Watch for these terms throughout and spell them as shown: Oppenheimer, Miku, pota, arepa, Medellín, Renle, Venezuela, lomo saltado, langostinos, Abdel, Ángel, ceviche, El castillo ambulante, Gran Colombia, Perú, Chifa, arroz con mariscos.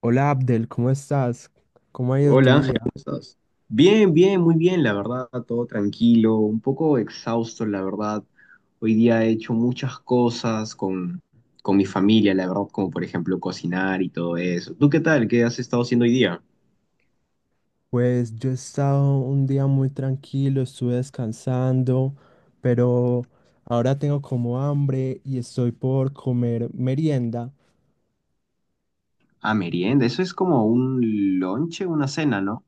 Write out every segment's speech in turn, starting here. Hola Abdel, ¿cómo estás? ¿Cómo ha ido tu Hola Ángel, día? ¿cómo estás? Bien, bien, muy bien, la verdad, todo tranquilo, un poco exhausto, la verdad. Hoy día he hecho muchas cosas con mi familia, la verdad, como por ejemplo cocinar y todo eso. ¿Tú qué tal? ¿Qué has estado haciendo hoy día? Pues yo he estado un día muy tranquilo, estuve descansando, pero ahora tengo como hambre y estoy por comer merienda. Ah, merienda, eso es como un lonche, una cena, ¿no?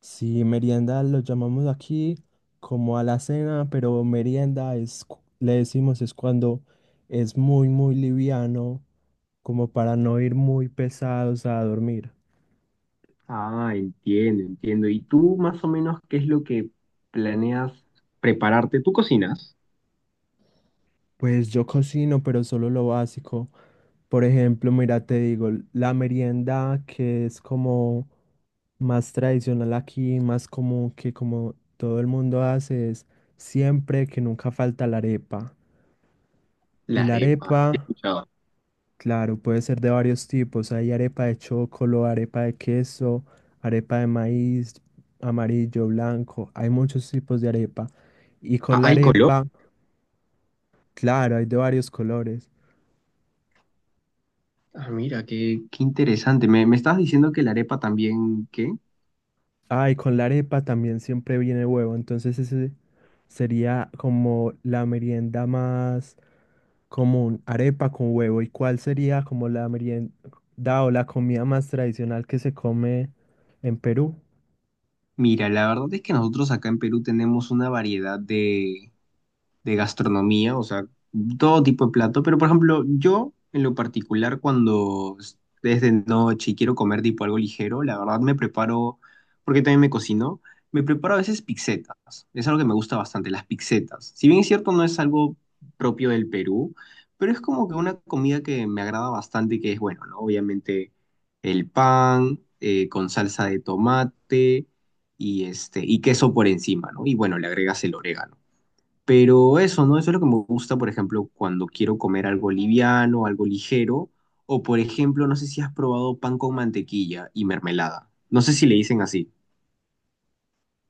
Sí, merienda lo llamamos aquí como a la cena, pero merienda es, le decimos es cuando es muy, muy liviano, como para no ir muy pesados a dormir. Ah, entiendo, entiendo. ¿Y tú más o menos qué es lo que planeas prepararte? ¿Tú cocinas? Pues yo cocino, pero solo lo básico. Por ejemplo, mira, te digo, la merienda que es como más tradicional aquí, más común que como todo el mundo hace, es siempre que nunca falta la arepa. Y La la arepa, sí he arepa, escuchado. claro, puede ser de varios tipos. Hay arepa de chocolo, arepa de queso, arepa de maíz, amarillo, blanco. Hay muchos tipos de arepa. Y Ah, con la ¿hay color? arepa, claro, hay de varios colores. Ah, mira, qué interesante. Me estabas diciendo que la arepa también, ¿qué? Ah, y con la arepa también siempre viene huevo, entonces ese sería como la merienda más común, arepa con huevo. ¿Y cuál sería como la merienda o la comida más tradicional que se come en Perú? Mira, la verdad es que nosotros acá en Perú tenemos una variedad de gastronomía, o sea, todo tipo de plato, pero por ejemplo, yo en lo particular cuando es de noche y quiero comer tipo algo ligero, la verdad me preparo, porque también me cocino, me preparo a veces pizzetas, es algo que me gusta bastante, las pizzetas. Si bien es cierto, no es algo propio del Perú, pero es como que una comida que me agrada bastante, que es bueno, ¿no? Obviamente el pan con salsa de tomate y, este, y queso por encima, ¿no? Y bueno, le agregas el orégano. Pero eso, ¿no? Eso es lo que me gusta, por ejemplo, cuando quiero comer algo liviano, algo ligero, o por ejemplo, no sé si has probado pan con mantequilla y mermelada. No sé si le dicen así.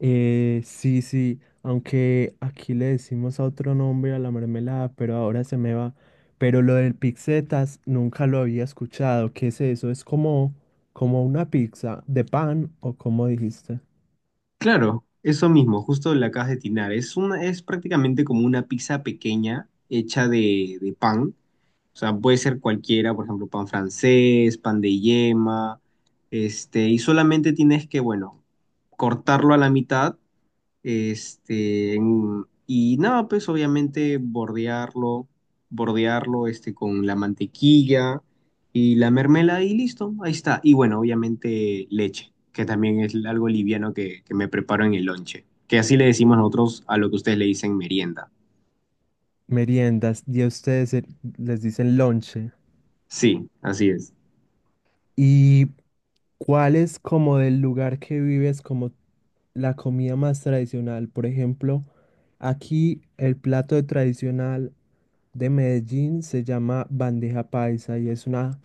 Sí, sí, aunque aquí le decimos a otro nombre a la mermelada, pero ahora se me va. Pero lo del pizzetas nunca lo había escuchado. ¿Qué es eso? ¿Es como, como una pizza de pan o como dijiste? Claro, eso mismo, justo la acabas de tinar. Es prácticamente como una pizza pequeña hecha de pan. O sea, puede ser cualquiera, por ejemplo, pan francés, pan de yema, este, y solamente tienes que, bueno, cortarlo a la mitad. Este, y nada, pues obviamente bordearlo, bordearlo este, con la mantequilla y la mermelada y listo, ahí está. Y bueno, obviamente leche, que también es algo liviano que me preparo en el lonche, que así le decimos nosotros a lo que ustedes le dicen merienda. Meriendas y a ustedes les dicen lonche. Sí, así es. ¿Y cuál es como del lugar que vives como la comida más tradicional? Por ejemplo, aquí el plato tradicional de Medellín se llama bandeja paisa y es un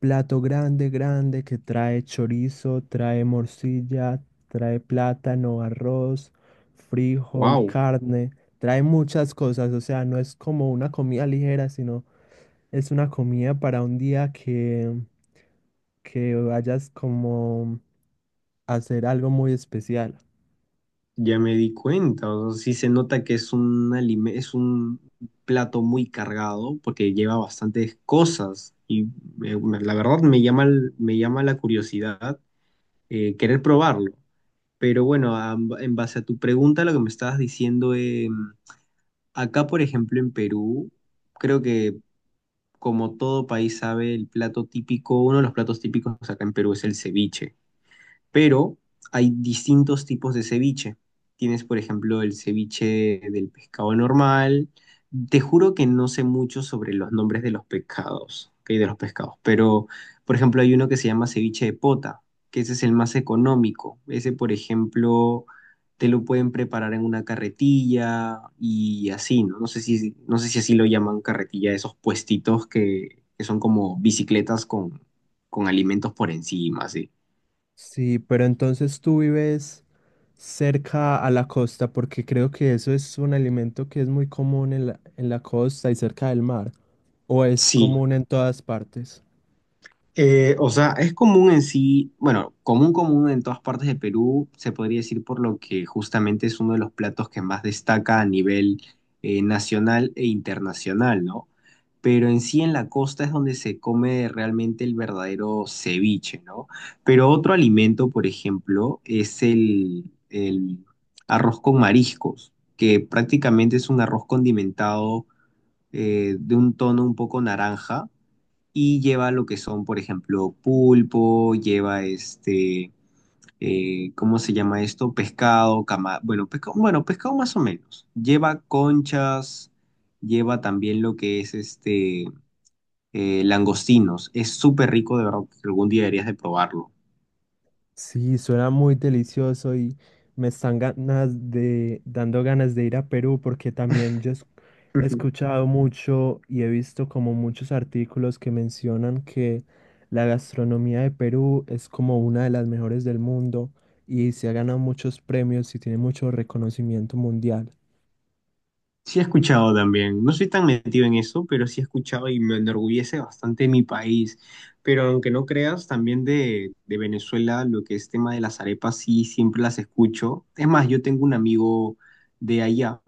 plato grande, grande que trae chorizo, trae morcilla, trae plátano, arroz, frijol, Wow. carne. Trae muchas cosas, o sea, no es como una comida ligera, sino es una comida para un día que vayas como a hacer algo muy especial. Ya me di cuenta, o sea, sí se nota que es un es un plato muy cargado porque lleva bastantes cosas y la verdad me llama, me llama la curiosidad querer probarlo. Pero bueno, en base a tu pregunta, lo que me estabas diciendo, acá por ejemplo en Perú, creo que como todo país sabe, el plato típico, uno de los platos típicos acá en Perú es el ceviche, pero hay distintos tipos de ceviche. Tienes, por ejemplo, el ceviche del pescado normal. Te juro que no sé mucho sobre los nombres de los pescados, ¿ok? De los pescados, pero, por ejemplo, hay uno que se llama ceviche de pota, que ese es el más económico. Ese, por ejemplo, te lo pueden preparar en una carretilla y así, ¿no? No sé si así lo llaman carretilla, esos puestitos que son como bicicletas con alimentos por encima, así. Sí, pero entonces tú vives cerca a la costa, porque creo que eso es un alimento que es muy común en la costa y cerca del mar, o es Sí. común en todas partes. O sea, es común en sí, bueno, común en todas partes de Perú, se podría decir por lo que justamente es uno de los platos que más destaca a nivel nacional e internacional, ¿no? Pero en sí en la costa es donde se come realmente el verdadero ceviche, ¿no? Pero otro alimento, por ejemplo, es el arroz con mariscos, que prácticamente es un arroz condimentado de un tono un poco naranja y lleva lo que son, por ejemplo, pulpo, lleva este, ¿cómo se llama esto? Pescado, cama, bueno, pescado más o menos. Lleva conchas, lleva también lo que es este, langostinos. Es súper rico, de verdad, que algún día deberías de probarlo. Sí, suena muy delicioso y me están ganas de, dando ganas de ir a Perú porque también yo he escuchado mucho y he visto como muchos artículos que mencionan que la gastronomía de Perú es como una de las mejores del mundo y se ha ganado muchos premios y tiene mucho reconocimiento mundial. Sí he escuchado también, no soy tan metido en eso, pero sí he escuchado y me enorgullece bastante mi país. Pero aunque no creas, también de Venezuela, lo que es tema de las arepas, sí, siempre las escucho. Es más, yo tengo un amigo de allá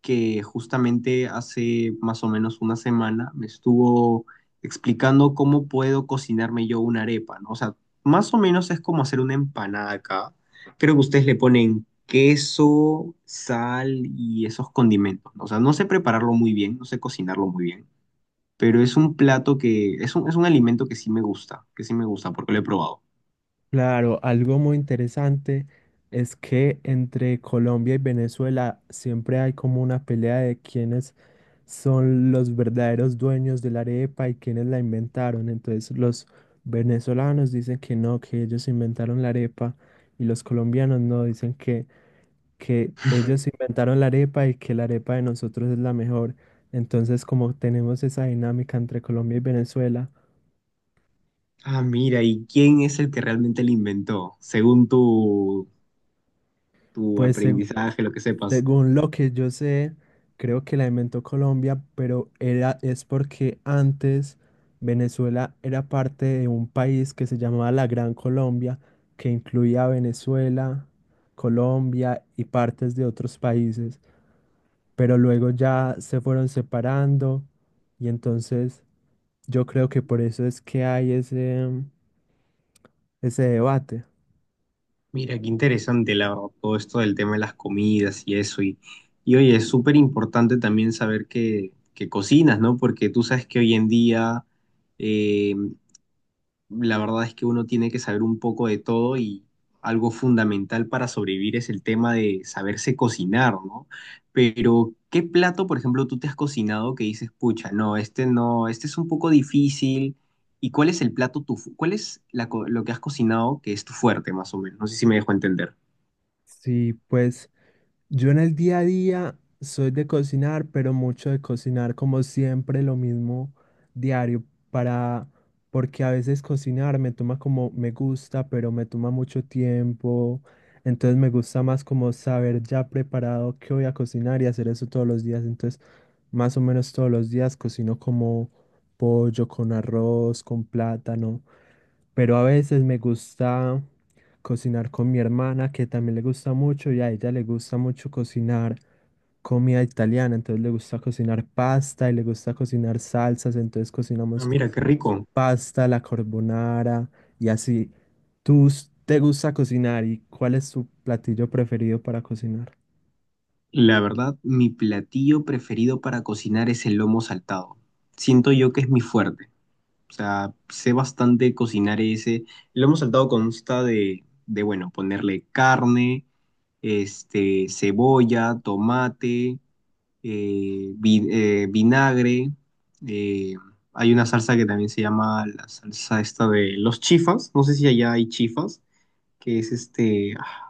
que justamente hace más o menos una semana me estuvo explicando cómo puedo cocinarme yo una arepa, ¿no? O sea, más o menos es como hacer una empanada acá. Creo que ustedes le ponen queso, sal y esos condimentos, ¿no? O sea, no sé prepararlo muy bien, no sé cocinarlo muy bien, pero es un plato que, es un alimento que sí me gusta, que sí me gusta porque lo he probado. Claro, algo muy interesante es que entre Colombia y Venezuela siempre hay como una pelea de quién es son los verdaderos dueños de la arepa y quienes la inventaron. Entonces los venezolanos dicen que no, que ellos inventaron la arepa y los colombianos no, dicen que Sí. ellos inventaron la arepa y que la arepa de nosotros es la mejor. Entonces como tenemos esa dinámica entre Colombia y Venezuela, Ah, mira, ¿y quién es el que realmente lo inventó? Según tu pues se- aprendizaje, lo que sepas. Según lo que yo sé, creo que la inventó Colombia, pero era, es porque antes Venezuela era parte de un país que se llamaba la Gran Colombia, que incluía a Venezuela, Colombia y partes de otros países, pero luego ya se fueron separando y entonces yo creo que por eso es que hay ese, ese debate. Mira, qué interesante la, verdad, todo esto del tema de las comidas y eso. Y oye, es súper importante también saber que cocinas, ¿no? Porque tú sabes que hoy en día eh, la verdad es que uno tiene que saber un poco de todo y algo fundamental para sobrevivir es el tema de saberse cocinar, ¿no? Pero, ¿qué plato, por ejemplo, tú te has cocinado que dices, pucha, no, este no, este es un poco difícil? ¿Y cuál es el plato, cuál es la lo que has cocinado que es tu fuerte, más o menos? No sé si me dejo entender. Sí, pues. Yo en el día a día soy de cocinar, pero mucho de cocinar como siempre lo mismo diario para porque a veces cocinar me toma como me gusta, pero me toma mucho tiempo. Entonces me gusta más como saber ya preparado qué voy a cocinar y hacer eso todos los días. Entonces, más o menos todos los días cocino como pollo con arroz, con plátano, pero a veces me gusta cocinar con mi hermana, que también le gusta mucho y a ella le gusta mucho cocinar comida italiana, entonces le gusta cocinar pasta y le gusta cocinar salsas, entonces Ah, cocinamos mira, qué rico. pasta, la carbonara y así. ¿Te gusta cocinar y cuál es tu platillo preferido para cocinar? La verdad, mi platillo preferido para cocinar es el lomo saltado. Siento yo que es mi fuerte. O sea, sé bastante cocinar ese. El lomo saltado consta de bueno, ponerle carne, este, cebolla, tomate, vinagre. eh, hay una salsa que también se llama la salsa esta de los chifas. No sé si allá hay chifas, que es este... ah,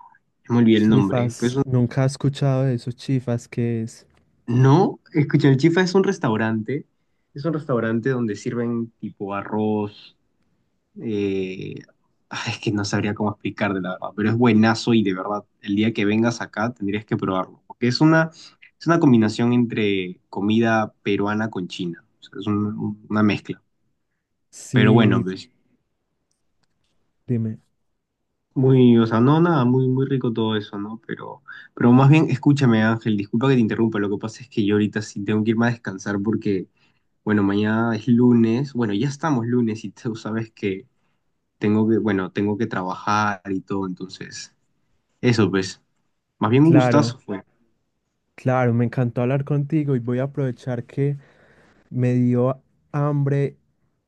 me olvidé el nombre, pero es... Chifas, nunca he escuchado de esos chifas, ¿qué es? No, escucha, el Chifa es un restaurante donde sirven tipo arroz, eh, ay, es que no sabría cómo explicar de la verdad, pero es buenazo y de verdad, el día que vengas acá tendrías que probarlo, porque es una combinación entre comida peruana con china, o sea, es una mezcla, pero bueno, Sí, pues dime. muy, o sea, no, nada, muy, muy rico todo eso, ¿no? Pero más bien, escúchame Ángel, disculpa que te interrumpa, lo que pasa es que yo ahorita sí tengo que irme a descansar porque... Bueno, mañana es lunes. Bueno, ya estamos lunes y tú sabes que tengo que, bueno, tengo que trabajar y todo, entonces, eso pues. Más bien un Claro, gustazo fue. claro, me encantó hablar contigo y voy a aprovechar que me dio hambre,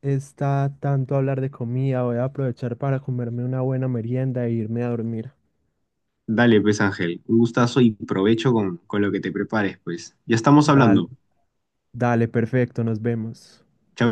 está tanto hablar de comida. Voy a aprovechar para comerme una buena merienda e irme a dormir. Dale, pues, Ángel, un gustazo y provecho con lo que te prepares, pues. Ya estamos Dale, hablando. dale, perfecto, nos vemos. Chao.